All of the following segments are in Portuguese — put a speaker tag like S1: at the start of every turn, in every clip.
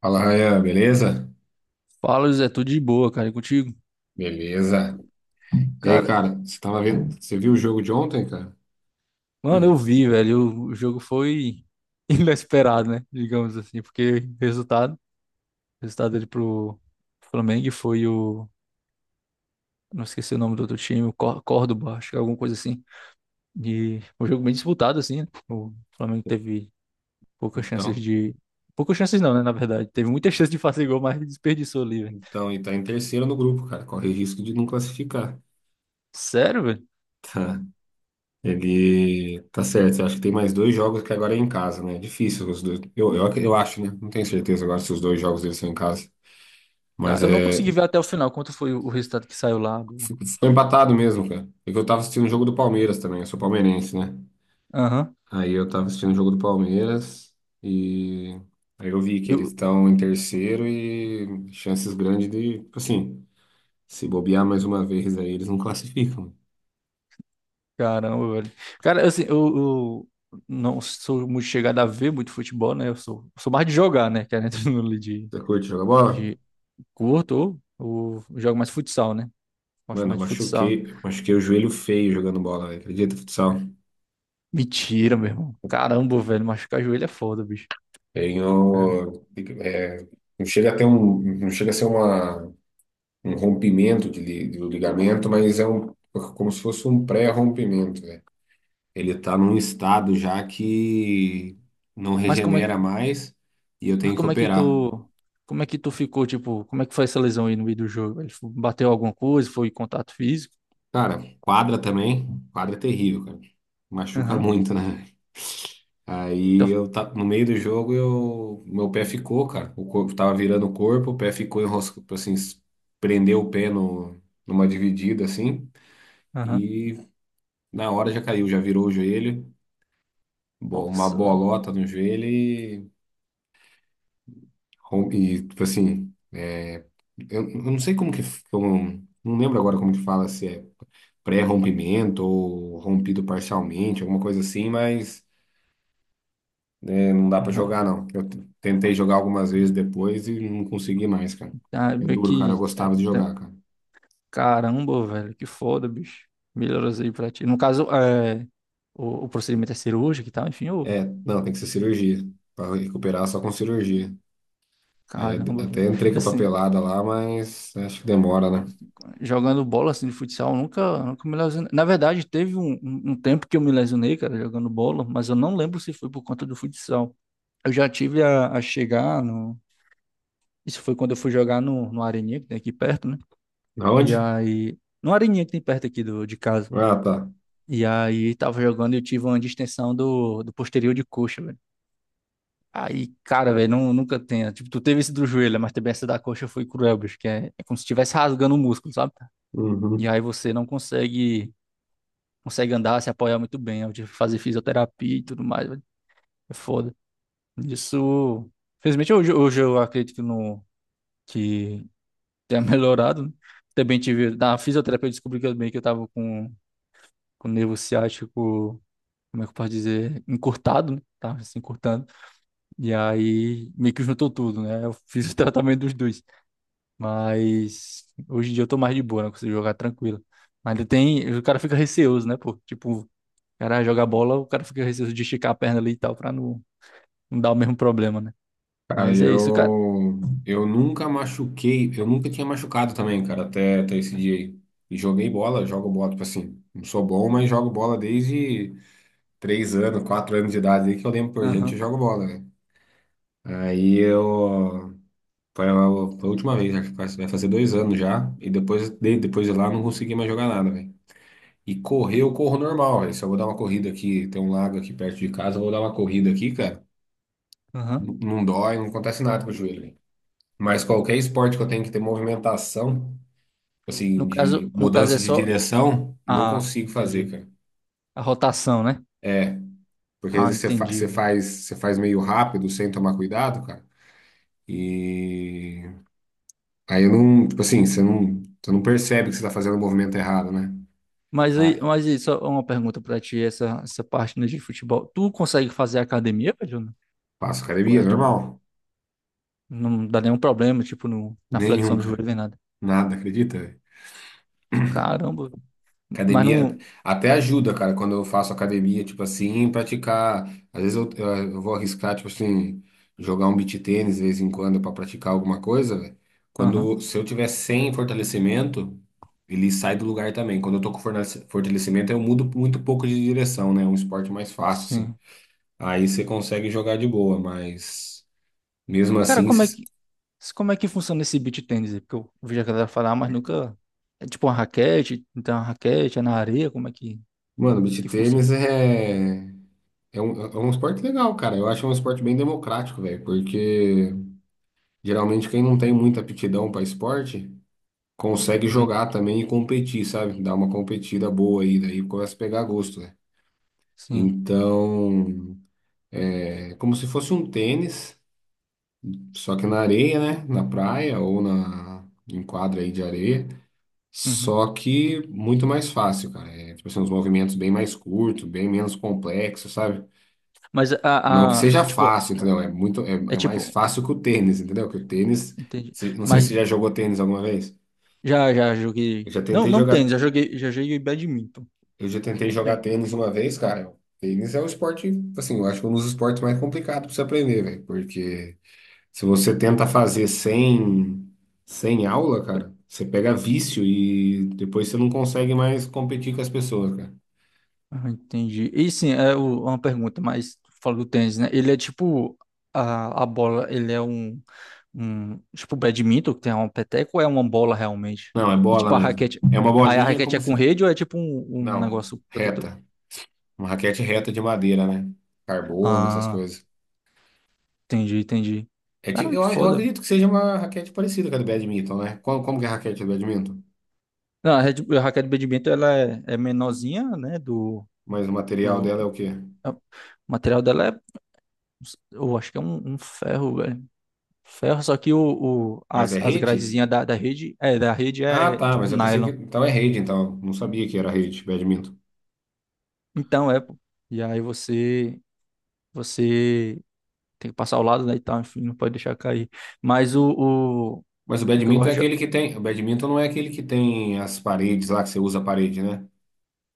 S1: Fala, Rayan, beleza?
S2: Fala, José, tudo de boa, cara, e contigo?
S1: Beleza. E aí,
S2: Cara,
S1: cara, você viu o jogo de ontem, cara?
S2: mano, eu vi, velho, o jogo foi inesperado, né? Digamos assim, porque o resultado dele pro Flamengo foi o, não esqueci o nome do outro time, o Córdoba, acho que é alguma coisa assim. E um jogo bem disputado assim, né? O Flamengo teve poucas chances
S1: Então,
S2: de, poucas chances não, né, na verdade. Teve muita chance de fazer gol, mas desperdiçou ali, velho.
S1: então, e tá em terceiro no grupo, cara. Corre risco de não classificar.
S2: Sério, velho?
S1: Ele tá certo. Eu acho que tem mais dois jogos que agora é em casa, né? É difícil os dois. Eu acho, né? Não tenho certeza agora se os dois jogos deles são em casa.
S2: Tá,
S1: Mas
S2: eu não
S1: é.
S2: consegui ver até o final quanto foi o resultado que saiu lá do...
S1: Ficou empatado mesmo, cara. É que eu tava assistindo o jogo do Palmeiras também. Eu sou palmeirense, né?
S2: Aham.
S1: Aí eu tava assistindo o jogo do Palmeiras e. Aí eu vi que eles estão em terceiro e chances grandes de, tipo assim, se bobear mais uma vez aí, eles não classificam.
S2: Caramba, velho. Cara, assim, eu não sou muito chegado a ver muito futebol, né? Eu sou, sou mais de jogar, né? Que é dentro
S1: Você curte jogar bola?
S2: de curto ou jogo mais futsal, né? Gosto
S1: Mano, eu
S2: mais de futsal.
S1: machuquei o joelho feio jogando bola, velho. Acredita, futsal?
S2: Mentira, meu irmão. Caramba, velho, machucar joelho é foda, bicho. É.
S1: Tenho, é, não chega a ter um, não chega a ser uma, um rompimento de, do ligamento, mas é um, como se fosse um pré-rompimento, né? Ele está num estado já que não
S2: Mas como é que,
S1: regenera mais e eu
S2: mas
S1: tenho que
S2: como é que
S1: operar.
S2: tu, como é que tu ficou, tipo, como é que foi essa lesão aí no meio do jogo? Ele bateu alguma coisa, foi contato físico?
S1: Cara, quadra também, quadra é terrível, cara. Machuca
S2: Aham.
S1: muito, né? Aí
S2: Então,
S1: eu tá, no meio do jogo eu meu pé ficou, cara. O corpo tava virando o corpo, o pé ficou enroscado, assim, prendeu o pé no, numa dividida assim.
S2: aham.
S1: E na hora já caiu, já virou o joelho, uma
S2: Nossa, velho.
S1: bolota no joelho e, e tipo assim, eu não sei como que, como, não lembro agora como que fala, se é pré-rompimento ou rompido parcialmente, alguma coisa assim, mas é, não dá pra
S2: Aham.
S1: jogar não. Eu tentei jogar algumas vezes depois e não consegui mais, cara.
S2: Ah,
S1: É
S2: meio
S1: duro, cara, eu
S2: que. É,
S1: gostava de
S2: tá-
S1: jogar, cara.
S2: Caramba, velho, que foda, bicho. Melhoras aí pra ti. No caso, é, o procedimento é cirúrgico e tal, enfim, ô,
S1: É, não, tem que ser cirurgia. Pra recuperar só com cirurgia. Aí
S2: caramba,
S1: até
S2: velho.
S1: entrei com a
S2: Assim,
S1: papelada lá, mas acho que demora, né?
S2: jogando bola assim de futsal, eu nunca, nunca me lesionei. Na verdade, teve um, um tempo que eu me lesionei, cara, jogando bola, mas eu não lembro se foi por conta do futsal. Eu já tive a chegar no. Isso foi quando eu fui jogar no Areninha, que tem aqui perto, né? E
S1: Aonde?
S2: aí. No Areninha que tem perto aqui do, de casa.
S1: Ah, tá.
S2: E aí tava jogando e eu tive uma distensão do posterior de coxa, velho. Aí, cara, velho, não nunca tenha. Tipo, tu teve esse do joelho, né, mas também essa da coxa foi cruel, bicho, que é, é como se estivesse rasgando o músculo, sabe? E
S1: Uhum.
S2: aí você não consegue, consegue andar, se apoiar muito bem. Eu tive que fazer fisioterapia e tudo mais, velho. É foda. Isso. Felizmente, hoje, hoje eu acredito que, não que tenha melhorado, né? Também tive. Na fisioterapia, eu descobri que eu, meio que eu tava com o nervo ciático, como é que eu posso dizer? Encurtado, né? Tava se encurtando. E aí, meio que juntou tudo, né? Eu fiz o tratamento dos dois. Mas hoje em dia eu tô mais de boa, né? Eu consigo jogar tranquilo. Mas ainda tem. O cara fica receoso, né, pô? Tipo, o cara joga bola, o cara fica receoso de esticar a perna ali e tal, pra não, não dar o mesmo problema, né?
S1: Cara,
S2: Mas é isso, cara.
S1: eu nunca machuquei, eu nunca tinha machucado também, cara, até esse dia aí. E joguei bola, jogo bola, tipo assim, não sou bom, mas jogo bola desde 3 anos, 4 anos de idade aí que eu lembro por gente, eu
S2: Aham,
S1: jogo bola, né? Aí foi a, foi a última vez, acho que vai fazer 2 anos já, e depois de lá eu não consegui mais jogar nada, velho. E correr, eu corro normal, velho. Se eu vou dar uma corrida aqui, tem um lago aqui perto de casa, eu vou dar uma corrida aqui, cara,
S2: aham.
S1: não dói, não acontece nada com o joelho. Mas qualquer esporte que eu tenho que ter movimentação, assim,
S2: No
S1: de
S2: caso, no caso
S1: mudança
S2: é
S1: de
S2: só.
S1: direção, não
S2: Ah,
S1: consigo fazer,
S2: entendi.
S1: cara.
S2: A rotação, né?
S1: Porque às
S2: Ah,
S1: vezes
S2: entendi,
S1: você
S2: velho.
S1: faz, você faz meio rápido, sem tomar cuidado, cara. E aí eu não, tipo assim, você não percebe que você tá fazendo o movimento errado, né? Ah,
S2: Mas aí, só uma pergunta pra ti, essa parte né, de futebol. Tu consegue fazer academia, velho? Né?
S1: faço
S2: Tipo,
S1: academia,
S2: é de boa.
S1: normal.
S2: Não dá nenhum problema, tipo, no, na flexão
S1: Nenhum,
S2: do
S1: cara.
S2: joelho nem nada.
S1: Nada, acredita?
S2: Caramba. Mas
S1: Academia
S2: não.
S1: até ajuda, cara, quando eu faço academia, tipo assim, praticar. Às vezes eu vou arriscar, tipo assim, jogar um beach tênis de vez em quando pra praticar alguma coisa, velho.
S2: Aham,
S1: Se eu tiver sem fortalecimento, ele sai do lugar também. Quando eu tô com fortalecimento, eu mudo muito pouco de direção, né? É um esporte mais fácil, assim.
S2: sim.
S1: Aí você consegue jogar de boa, mas mesmo
S2: Cara,
S1: assim,
S2: como é que funciona esse beach tennis aí? Porque eu vi a galera falar, mas nunca... É tipo uma raquete, então uma raquete, é na areia, como é
S1: mano, beach
S2: que funciona?
S1: tênis é. É um esporte legal, cara. Eu acho um esporte bem democrático, velho, porque. Geralmente quem não tem muita aptidão para esporte consegue
S2: Uhum,
S1: jogar também e competir, sabe? Dar uma competida boa aí, daí começa a pegar gosto, né?
S2: sim.
S1: Então, é como se fosse um tênis, só que na areia, né? Na praia ou na em quadra aí de areia,
S2: Uhum.
S1: só que muito mais fácil, cara. É, tipo assim, uns movimentos bem mais curtos, bem menos complexos, sabe?
S2: Mas
S1: Não que
S2: a,
S1: seja
S2: tipo,
S1: fácil, entendeu? É muito é,
S2: é
S1: é mais
S2: tipo,
S1: fácil que o tênis, entendeu? Que o tênis,
S2: entendi.
S1: não sei se
S2: Mas
S1: você já jogou tênis alguma vez.
S2: já, já
S1: Eu
S2: joguei...
S1: já
S2: Não,
S1: tentei
S2: não tênis,
S1: jogar
S2: já joguei badminton.
S1: Eu já tentei jogar
S2: É.
S1: tênis uma vez, cara. Tênis é um esporte, assim, eu acho que é um dos esportes mais complicados pra você aprender, velho. Porque se você tenta fazer sem aula, cara, você pega vício e depois você não consegue mais competir com as pessoas, cara.
S2: Ah, entendi. E sim, é o- uma pergunta, mas tu falou do tênis, né? Ele é tipo a bola, ele é um, um tipo badminton, que tem um peteco, ou é uma bola realmente?
S1: Não, é
S2: E
S1: bola
S2: tipo a
S1: mesmo.
S2: raquete,
S1: É uma
S2: aí a
S1: bolinha
S2: raquete é
S1: como
S2: com
S1: se.
S2: rede ou é tipo um, um
S1: Não,
S2: negócio protetor?
S1: reta. Uma raquete reta de madeira, né? Carbono, essas
S2: Ah,
S1: coisas.
S2: entendi, entendi.
S1: É tipo,
S2: Caramba,
S1: eu,
S2: que
S1: eu
S2: foda, velho.
S1: acredito que seja uma raquete parecida com a do badminton, né? Como que é a raquete do badminton?
S2: Não, a, rede, a raquete de badminton ela é, é menorzinha, né? Do,
S1: Mas o material dela é o quê?
S2: é- o material dela é, eu acho que é um, um ferro, velho. Ferro, só que o-
S1: Mas
S2: as,
S1: é
S2: as
S1: rede?
S2: gradezinhas da, da rede
S1: Ah,
S2: é
S1: tá,
S2: tipo
S1: mas eu pensei que.
S2: nylon.
S1: Então é rede, então. Não sabia que era rede, badminton.
S2: Então é, pô. E aí você, você tem que passar ao lado, né, e tal, enfim, não pode deixar cair. Mas o,
S1: Mas o
S2: o que eu
S1: badminton é
S2: gosto de...
S1: aquele que tem. O badminton não é aquele que tem as paredes lá, que você usa a parede, né?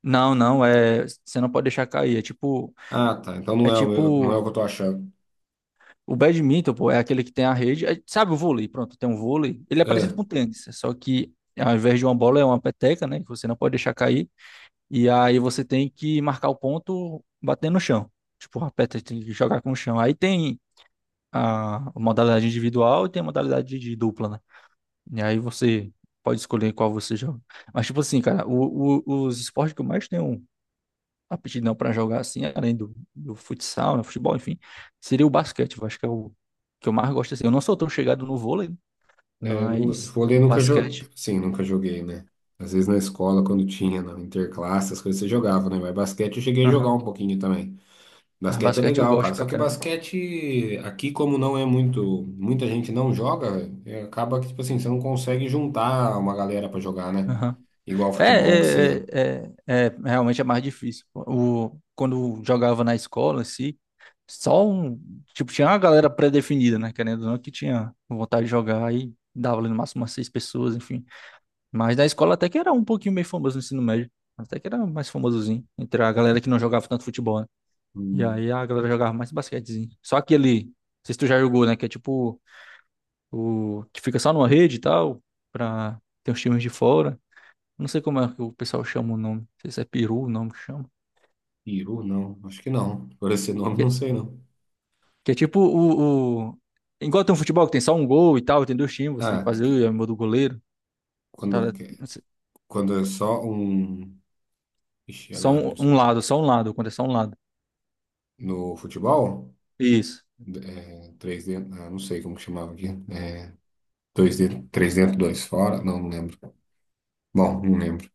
S2: Não, não, é, você não pode deixar cair,
S1: Ah, tá. Então não
S2: é
S1: é o, não é o
S2: tipo
S1: que eu tô achando.
S2: o badminton, pô, é aquele que tem a rede, é- sabe o vôlei, pronto, tem um vôlei, ele é parecido
S1: É,
S2: com o tênis, só que ao invés de uma bola é uma peteca, né, que você não pode deixar cair. E aí você tem que marcar o ponto batendo no chão. Tipo, a peça tem que jogar com o chão. Aí tem a modalidade individual e tem a modalidade de dupla, né? E aí você pode escolher qual você joga. Mas, tipo assim, cara, o- os esportes que eu mais tenho aptidão pra jogar, assim, além do, do futsal, né, futebol, enfim, seria o basquete. Eu acho que é o que eu mais gosto, assim. Eu não sou tão chegado no vôlei,
S1: eu nunca,
S2: mas
S1: vôlei
S2: o
S1: nunca joguei.
S2: basquete...
S1: Sim, nunca joguei, né? Às vezes na escola, quando tinha, na interclasse, as coisas você jogava, né? Mas basquete eu cheguei a jogar
S2: Aham.
S1: um pouquinho também.
S2: Mas
S1: Basquete é
S2: basquete eu
S1: legal,
S2: gosto
S1: cara. Só
S2: pra
S1: que
S2: caramba.
S1: basquete aqui, como não é muito, muita gente não joga, é, acaba que, tipo assim, você não consegue juntar uma galera pra jogar, né?
S2: Aham.
S1: Igual
S2: É,
S1: futebol que você.
S2: é, é, é, é, realmente é mais difícil. O, quando jogava na escola, assim, só um. Tipo, tinha uma galera pré-definida, né? Querendo ou não, que tinha vontade de jogar aí dava ali no máximo umas seis pessoas, enfim. Mas na escola até que era um pouquinho meio famoso no ensino médio. Até que era mais famosozinho. Entre a galera que não jogava tanto futebol, né? E
S1: Hum.
S2: aí a galera jogava mais basquetezinho. Só aquele. Não sei se tu já jogou, né? Que é tipo. O, que fica só numa rede e tal. Pra ter os times de fora. Não sei como é que o pessoal chama o nome. Não sei se é peru o nome que chama.
S1: Peru, não, acho que não. Por esse nome,
S2: Que,
S1: não sei não.
S2: que é tipo o- igual tem um futebol que tem só um gol e tal, tem dois times, você tem que
S1: Ah,
S2: fazer é o gol do goleiro.
S1: quando,
S2: Tá,
S1: que- quando é só um. Ixi,
S2: só
S1: agora,
S2: um,
S1: não sei.
S2: um lado, só um lado, quando é só um lado.
S1: No futebol,
S2: Isso.
S1: é, 3D, ah, não sei como que chamava aqui. É, 2D, 3 dentro, 2 fora, não, não lembro. Bom, não lembro.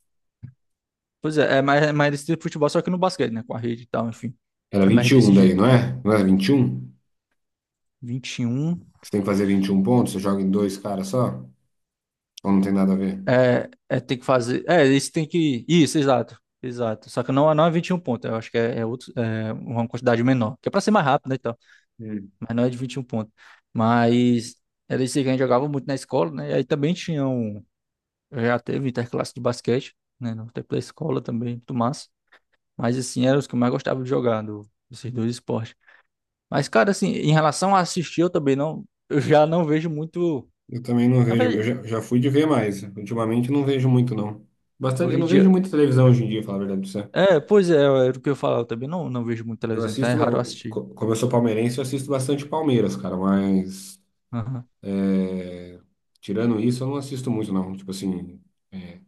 S2: Pois é, é mais desse tipo de futebol, só que no basquete, né? Com a rede e tal, enfim.
S1: Era
S2: É mais
S1: 21
S2: desse
S1: daí,
S2: jeito.
S1: não é? Não era 21.
S2: 21.
S1: Você tem que fazer 21 pontos, você joga em dois caras só? Ou não tem nada a ver?
S2: É, é tem que fazer. É, isso tem que. Isso, exato. Exato. Só que não, é, não é 21 pontos. Eu acho que é, é outro, é uma quantidade menor. Que é pra ser mais rápido, né?
S1: Hum.
S2: Mas não é de 21 pontos. Mas era isso aí que a gente jogava muito na escola, né? E aí também tinha um. Já teve interclasse de basquete, né? No tempo da escola também, muito massa. Mas assim, eram os que eu mais gostava de jogar, do, desses dois esportes. Mas, cara, assim, em relação a assistir, eu também não. Eu já não vejo muito.
S1: Eu também não
S2: Na
S1: vejo, eu
S2: verdade,
S1: já, já fui de ver mais. Ultimamente não vejo muito, não. Bastante, eu
S2: hoje em
S1: não vejo
S2: dia.
S1: muita televisão hoje em dia, falar a verdade pra você.
S2: É, pois é, era o que eu falava, eu também não, não vejo muito
S1: Eu
S2: televisão, então é
S1: assisto,
S2: raro eu
S1: eu-
S2: assistir.
S1: co- como eu sou palmeirense, eu assisto bastante Palmeiras, cara, mas
S2: Aham.
S1: é, tirando isso, eu não assisto muito, não. Tipo assim, é,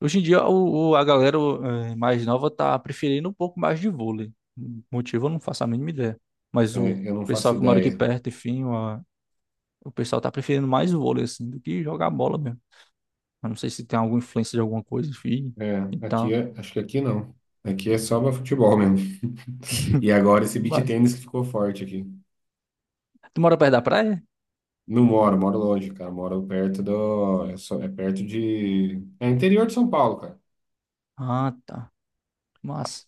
S2: Hoje em dia, o- a galera eh, mais nova tá preferindo um pouco mais de vôlei. Motivo eu não faço a mínima ideia. Mas o
S1: eu não faço
S2: pessoal que mora aqui
S1: ideia.
S2: perto, enfim, a- o pessoal tá preferindo mais vôlei, assim, do que jogar bola mesmo. Eu não sei se tem alguma influência de alguma coisa, enfim,
S1: É,
S2: e
S1: aqui,
S2: tal.
S1: acho que aqui não. Aqui é só pra futebol mesmo. E agora esse beach
S2: Mas,
S1: tennis que ficou forte aqui.
S2: tu mora perto da praia?
S1: Não moro, moro longe, cara. Moro perto do. É, é perto de. É interior de São Paulo, cara.
S2: Ah, tá. Massa.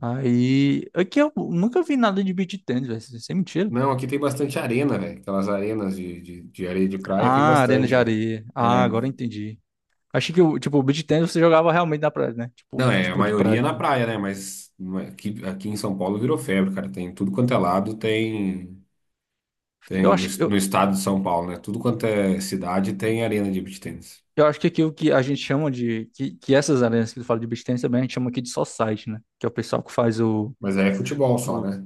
S2: Aí, aqui eu nunca vi nada de beach tennis, velho. Sem mentira.
S1: Não, aqui tem bastante arena, velho. Aquelas arenas de areia de praia tem
S2: Ah, arena
S1: bastante,
S2: de
S1: velho.
S2: areia. Ah,
S1: É.
S2: agora eu entendi. Achei que, o tipo, o beach tennis você jogava realmente na praia, né? Tipo,
S1: Não, é, a
S2: futebol de
S1: maioria é
S2: praia.
S1: na praia, né? Mas aqui em São Paulo virou febre, cara. Tem tudo quanto é lado, tem.
S2: Eu
S1: Tem
S2: acho, que-
S1: no
S2: eu,
S1: estado de São Paulo, né? Tudo quanto é cidade tem arena de beach tennis.
S2: eu acho que aquilo que a gente chama de. Que essas arenas que tu fala de beach tennis também a gente chama aqui de society, né? Que é o pessoal que faz
S1: Mas aí é futebol só,
S2: o.
S1: né?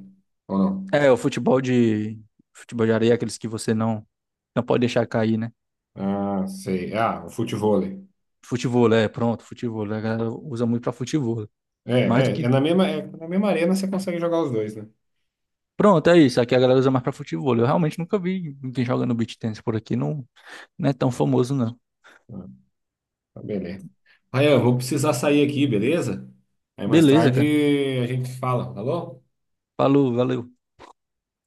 S1: Ou não?
S2: É, o futebol de. Futebol de areia, aqueles que você não, não pode deixar cair, né?
S1: Ah, sei. Ah, o futevôlei.
S2: Futebol, é, pronto, futebol. A galera usa muito pra futebol.
S1: É,
S2: Mais do que.
S1: é na mesma arena você consegue jogar os dois, né?
S2: Pronto, é isso. Aqui a galera usa mais pra futebol. Eu realmente nunca vi ninguém jogando beach tennis por aqui. Não, não é tão famoso, não.
S1: Tá, beleza. Ryan, eu vou precisar sair aqui, beleza? Aí mais
S2: Beleza,
S1: tarde
S2: cara.
S1: a gente fala, falou?
S2: Falou, valeu.